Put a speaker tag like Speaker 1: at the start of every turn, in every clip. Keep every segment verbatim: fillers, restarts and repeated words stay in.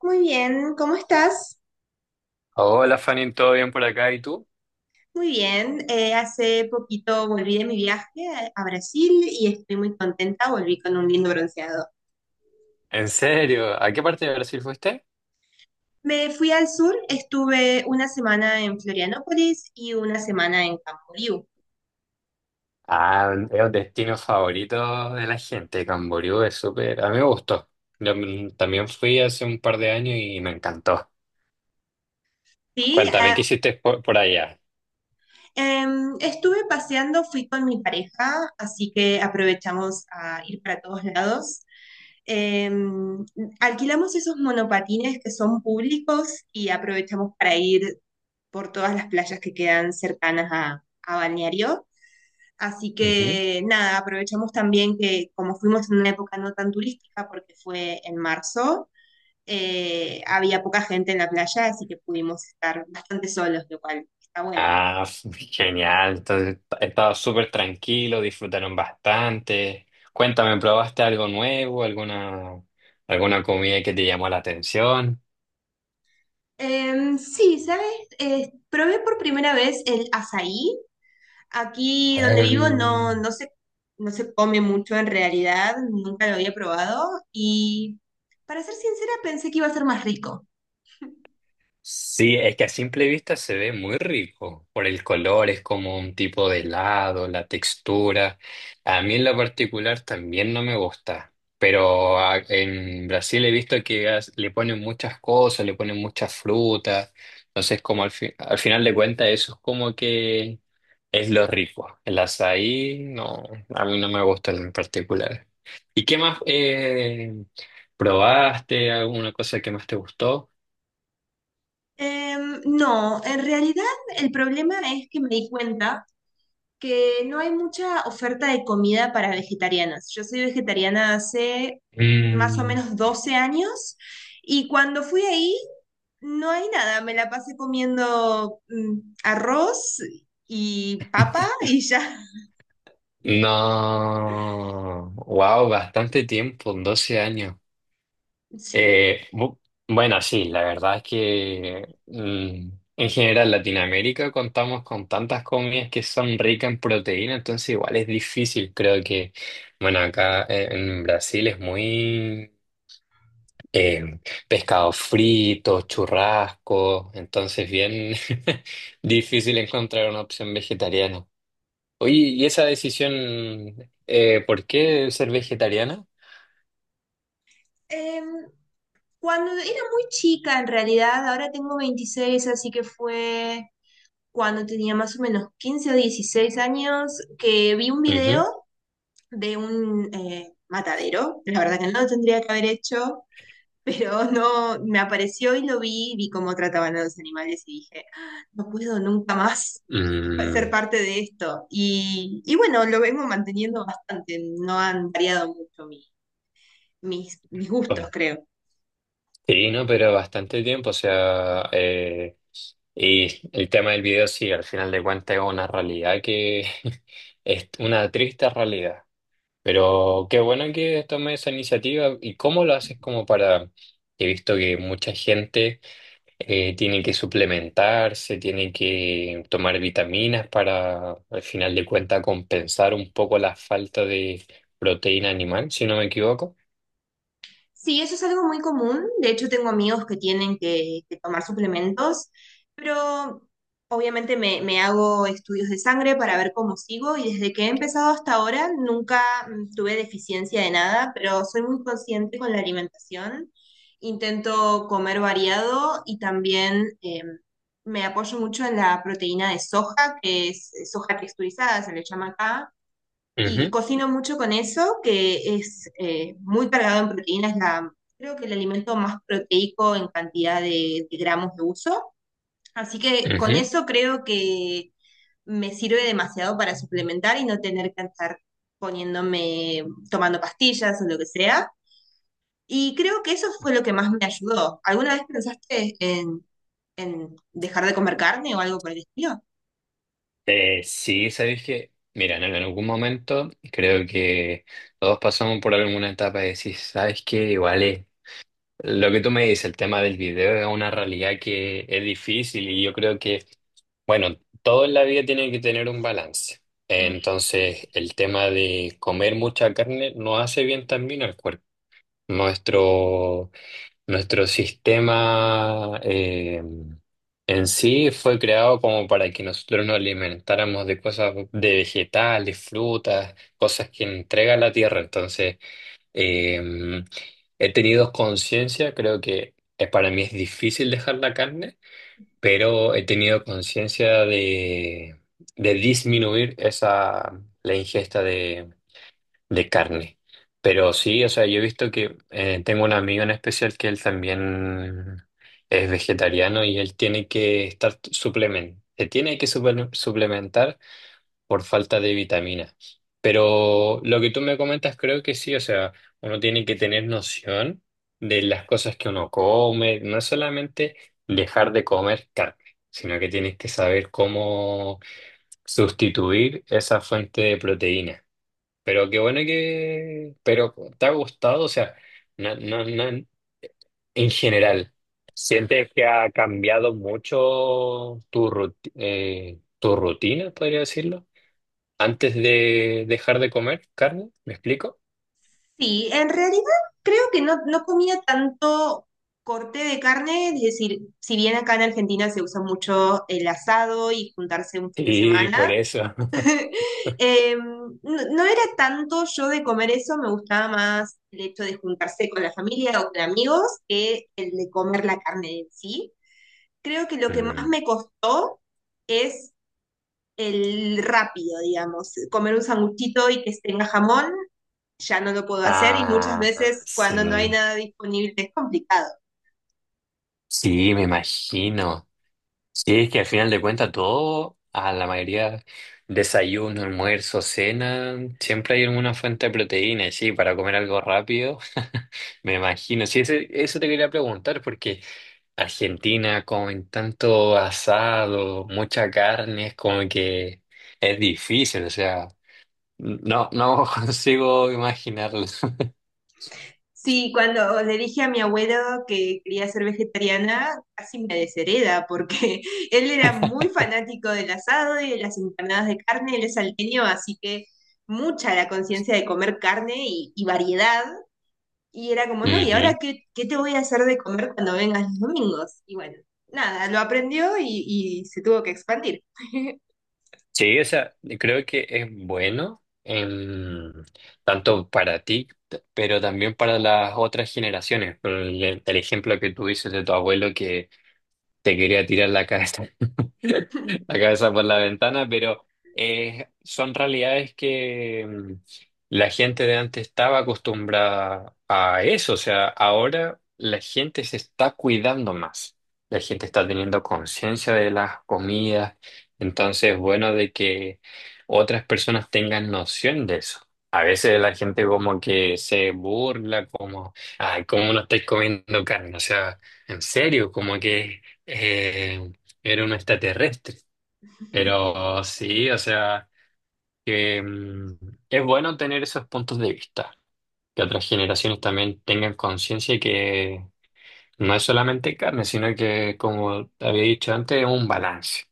Speaker 1: Muy bien, ¿cómo estás?
Speaker 2: Hola Fanny, ¿todo bien por acá? ¿Y tú?
Speaker 1: Muy bien, eh, hace poquito volví de mi viaje a, a Brasil y estoy muy contenta, volví con un lindo bronceado.
Speaker 2: ¿En serio? ¿A qué parte de Brasil fuiste?
Speaker 1: Me fui al sur, estuve una semana en Florianópolis y una semana en Camboriú.
Speaker 2: Ah, es un destino favorito de la gente. Camboriú es súper... A mí me gustó. Yo mm, también fui hace un par de años y me encantó.
Speaker 1: Sí,
Speaker 2: Cuéntame, ¿qué
Speaker 1: ah,
Speaker 2: hiciste por, por allá?
Speaker 1: em, estuve paseando, fui con mi pareja, así que aprovechamos a ir para todos lados. Em, Alquilamos esos monopatines que son públicos y aprovechamos para ir por todas las playas que quedan cercanas a, a Balneario. Así
Speaker 2: Ujú.
Speaker 1: que nada, aprovechamos también que como fuimos en una época no tan turística, porque fue en marzo, eh, había poca gente en la playa, así que pudimos estar bastante solos, lo cual está bueno.
Speaker 2: Ah, f- genial. Entonces, estaba súper tranquilo, disfrutaron bastante. Cuéntame, ¿probaste algo nuevo? ¿Alguna, ¿alguna comida que te llamó la atención?
Speaker 1: Em, sí, ¿sabes? Eh, probé por primera vez el azaí. Aquí donde vivo no, no se, no se come mucho en realidad, nunca lo había probado y para ser sincera pensé que iba a ser más rico.
Speaker 2: Sí, es que a simple vista se ve muy rico por el color, es como un tipo de helado, la textura. A mí en lo particular también no me gusta, pero a- en Brasil he visto que as- le ponen muchas cosas, le ponen muchas frutas, entonces como al, fi- al final de cuentas eso es como que es lo rico. El azaí no, a mí no me gusta en particular. ¿Y qué más eh, probaste? ¿Alguna cosa que más te gustó?
Speaker 1: Em, no, en realidad el problema es que me di cuenta que no hay mucha oferta de comida para vegetarianas. Yo soy vegetariana hace más o
Speaker 2: Mm.
Speaker 1: menos doce años y cuando fui ahí no hay nada. Me la pasé comiendo mm, arroz y papa y ya.
Speaker 2: No, wow, bastante tiempo, doce años.
Speaker 1: Sí.
Speaker 2: Eh, bu- bueno, sí, la verdad es que mm, en general Latinoamérica contamos con tantas comidas que son ricas en proteína, entonces igual es difícil. Creo que, bueno, acá eh, en Brasil es muy eh, pescado frito, churrasco, entonces bien difícil encontrar una opción vegetariana. Oye, ¿y esa decisión, eh, por qué ser vegetariana?
Speaker 1: Em, Cuando era muy chica, en realidad, ahora tengo veintiséis, así que fue cuando tenía más o menos quince o dieciséis años que vi un
Speaker 2: Ujú.
Speaker 1: video de un eh, matadero. La verdad que no lo tendría que haber hecho, pero no, me apareció y lo vi, vi cómo trataban a los animales y dije: "Ah, no puedo nunca más ser
Speaker 2: Mm,
Speaker 1: parte de esto. Y, y bueno, lo vengo manteniendo bastante, no han variado mucho mi- mis, mis gustos,
Speaker 2: oye.
Speaker 1: creo.
Speaker 2: Sí, no, pero bastante tiempo, o sea, eh, y el tema del video sí, al final de cuentas es una realidad que es una triste realidad, pero qué bueno que tomes esa iniciativa y cómo lo haces como para, he visto que mucha gente... eh, tienen que suplementarse, tienen que tomar vitaminas para, al final de cuentas, compensar un poco la falta de proteína animal, si no me equivoco.
Speaker 1: Sí, eso es algo muy común. De hecho, tengo amigos que tienen que, que tomar suplementos, pero obviamente me, me hago estudios de sangre para ver cómo sigo y desde que he empezado hasta ahora nunca mm, tuve deficiencia de nada, pero soy muy consciente con la alimentación. Intento comer variado y también eh, me apoyo mucho en la proteína de soja, que es soja texturizada, se le llama acá y
Speaker 2: Ujú,
Speaker 1: cocino mucho con eso, que es eh, muy cargado en proteínas, la, creo que el alimento más proteico en cantidad de, de gramos de uso. Así que con
Speaker 2: ujú.
Speaker 1: eso creo que me sirve demasiado para suplementar y no tener que estar poniéndome, tomando pastillas o lo que sea. Y creo que eso fue lo que más me ayudó. ¿Alguna vez pensaste en, en dejar de comer carne o algo por el estilo?
Speaker 2: Eh, sí, sabéis que, mira, en algún momento creo que todos pasamos por alguna etapa de decir, sabes que igual es lo que tú me dices, el tema del video es una realidad que es difícil y yo creo que bueno, todo en la vida tiene que tener un balance. Entonces, el tema de comer mucha carne no hace bien también al cuerpo. Nuestro, nuestro sistema eh, en sí fue creado como para que nosotros nos alimentáramos de cosas, de vegetales, frutas, cosas que entrega la tierra. Entonces, eh, he tenido conciencia, creo que eh, para mí es difícil dejar la carne pero he tenido conciencia de, de disminuir esa, la ingesta de, de carne. Pero sí, o sea, yo he visto que eh, tengo un amigo en especial que él también es vegetariano y él tiene que estar suplementando. Se tiene que suple- suplementar por falta de vitaminas. Pero lo que tú me comentas creo que sí, o sea, uno tiene que tener noción de las cosas que uno come, no es solamente dejar de comer carne, sino que tienes que saber cómo sustituir esa fuente de proteína. Pero qué bueno que, pero ¿te ha gustado? O sea, no, no, no, en general, ¿sientes que ha cambiado mucho tu ruti- eh, tu rutina, podría decirlo? Antes de dejar de comer carne, ¿me explico?
Speaker 1: Sí, en realidad creo que no, no comía tanto corte de carne, es decir, si bien acá en Argentina se usa mucho el asado y juntarse un fin de
Speaker 2: Sí, por
Speaker 1: semana,
Speaker 2: eso.
Speaker 1: eh, no, no era tanto yo de comer eso, me gustaba más el hecho de juntarse con la familia o con amigos que el de comer la carne en sí. Creo que lo que más
Speaker 2: Mm.
Speaker 1: me costó es el rápido, digamos, comer un sanguchito y que tenga jamón ya no lo puedo hacer y muchas
Speaker 2: Ah,
Speaker 1: veces cuando no hay
Speaker 2: sí.
Speaker 1: nada disponible es complicado.
Speaker 2: Sí, me imagino. Sí, es que al final de cuentas todo, a la mayoría, desayuno, almuerzo, cena, siempre hay alguna fuente de proteína, y sí, para comer algo rápido, me imagino. Sí, ese- eso te quería preguntar, porque Argentina comen tanto asado, mucha carne, es como que es difícil, o sea. No, no consigo imaginarlo.
Speaker 1: Sí, cuando le dije a mi abuelo que quería ser vegetariana, casi me deshereda porque él era muy fanático del asado y de las empanadas de carne, él es salteño, así que mucha la conciencia de comer carne y, y variedad. Y era como, no, ¿y ahora
Speaker 2: Ujú.
Speaker 1: qué, qué te voy a hacer de comer cuando vengas los domingos? Y bueno, nada, lo aprendió y, y se tuvo que expandir.
Speaker 2: Sí, o sea, creo que es bueno em, tanto para ti, t- pero también para las otras generaciones. Por El, el ejemplo que tú dices de tu abuelo que te quería tirar la cabeza, la cabeza por la ventana, pero eh, son realidades que mm, la gente de antes estaba acostumbrada a eso. O sea, ahora la gente se está cuidando más. La gente está teniendo conciencia de las comidas. Entonces, bueno, de que otras personas tengan noción de eso. A veces la gente como que se burla, como, ay, ¿cómo no estáis comiendo carne? O sea, en serio, como que... Eh, era un extraterrestre. Pero sí, o sea, que mm, es bueno tener esos puntos de vista, que otras generaciones también tengan conciencia que no es solamente carne, sino que, como te había dicho antes, es un balance.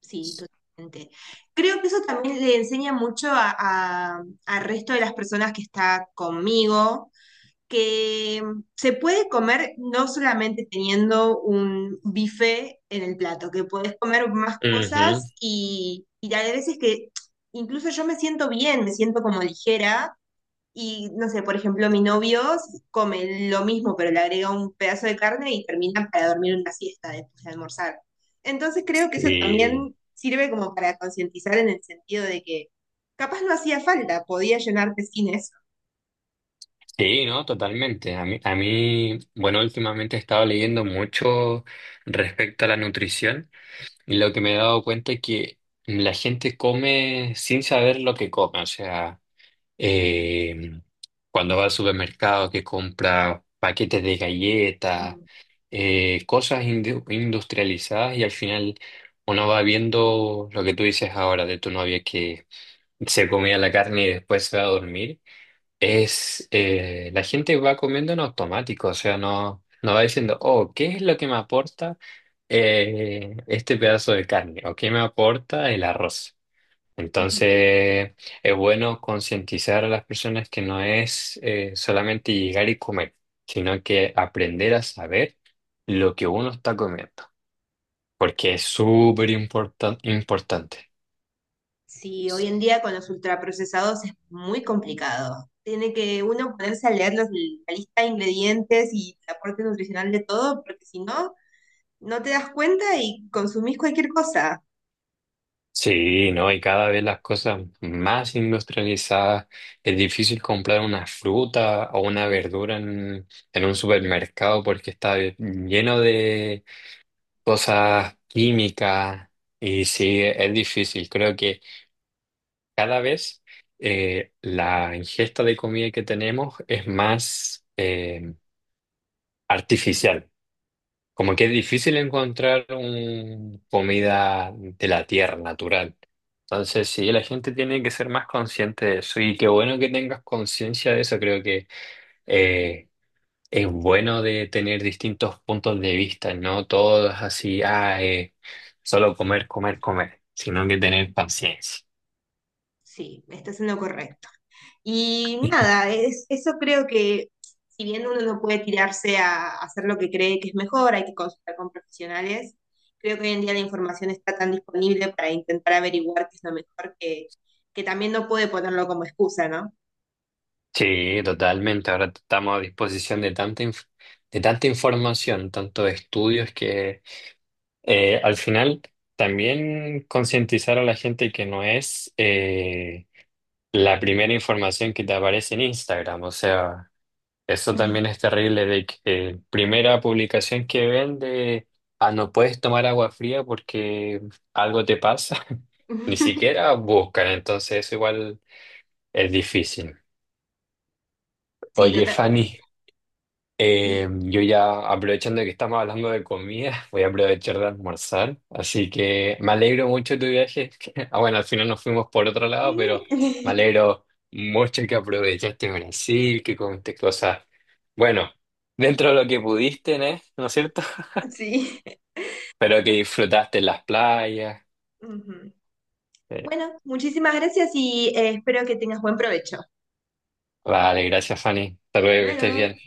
Speaker 1: Sí, totalmente. Creo que eso también le enseña mucho a, a- al resto de las personas que está conmigo, que mm, se puede comer no solamente teniendo un bife en el plato, que podés comer más
Speaker 2: Ujú.
Speaker 1: cosas y, y hay veces que incluso yo me siento bien, me siento como ligera y no sé, por ejemplo, mi novio come lo mismo, pero le agrega un pedazo de carne y termina para dormir una siesta después de almorzar. Entonces creo que eso
Speaker 2: Y
Speaker 1: también sirve como para concientizar en el sentido de que capaz no hacía falta, podía llenarte sin eso.
Speaker 2: sí, no, totalmente. A mí, a mí, bueno, últimamente he estado leyendo mucho respecto a la nutrición y lo que me he dado cuenta es que la gente come sin saber lo que come. O sea, eh, cuando va al supermercado que compra paquetes de galletas,
Speaker 1: Mm.
Speaker 2: eh, cosas indu- industrializadas y al final uno va viendo lo que tú dices ahora de tu novia que se comía la carne y después se va a dormir. Es, eh, la gente va comiendo en automático, o sea, no, no va diciendo, oh, ¿qué es lo que me aporta eh, este pedazo de carne? ¿O qué me aporta el arroz? Entonces, es bueno concientizar a las personas que no es eh, solamente llegar y comer, sino que aprender a saber lo que uno está comiendo, porque es súper importan- importante.
Speaker 1: Sí, hoy en día con los ultraprocesados es muy complicado. Tiene que uno ponerse a leer los- la lista de ingredientes y el aporte nutricional de todo, porque si no, no te das cuenta y consumís cualquier cosa.
Speaker 2: Sí, ¿no? Y cada vez las cosas más industrializadas, es difícil comprar una fruta o una verdura en, en un supermercado porque está lleno de cosas químicas y sí, es difícil. Creo que... cada vez eh, la ingesta de comida que tenemos es más eh, artificial. Como que es difícil encontrar un- comida de la tierra, natural. Entonces, sí, la gente tiene que ser más consciente de eso. Y qué bueno que tengas conciencia de eso. Creo que eh, es bueno de tener distintos puntos de vista, no todos así, ah, eh, solo comer, comer, comer, sino que tener paciencia.
Speaker 1: Sí, estás en lo correcto. Y nada, es, eso creo que si bien uno no puede tirarse a hacer lo que cree que es mejor, hay que consultar con profesionales, creo que hoy en día la información está tan disponible para intentar averiguar qué es lo mejor que, que también no puede ponerlo como excusa, ¿no?
Speaker 2: Sí, totalmente. Ahora estamos a disposición de tanta, inf- de tanta información, tanto de estudios que eh, al final también concientizar a la gente que no es eh, la primera información que te aparece en Instagram. O sea, eso también es terrible de que eh, primera publicación que ven de, ah, no puedes tomar agua fría porque algo te pasa. Ni siquiera buscan, entonces eso igual es difícil.
Speaker 1: Sí,
Speaker 2: Oye,
Speaker 1: totalmente.
Speaker 2: Fanny. Eh, yo ya aprovechando que estamos hablando de comida, voy a aprovechar de almorzar, así que me alegro mucho de tu viaje. Ah, bueno, al final nos fuimos por otro lado, pero me alegro mucho que aprovechaste Brasil, que comiste cosas, bueno, dentro de lo que pudiste, ¿eh? ¿No es cierto?
Speaker 1: Sí.
Speaker 2: Pero que disfrutaste las playas.
Speaker 1: Ujú.
Speaker 2: Eh,
Speaker 1: Bueno, muchísimas gracias y eh, espero que tengas buen provecho.
Speaker 2: vale, gracias Fanny. Hasta
Speaker 1: Hasta
Speaker 2: luego, que estés
Speaker 1: luego.
Speaker 2: bien.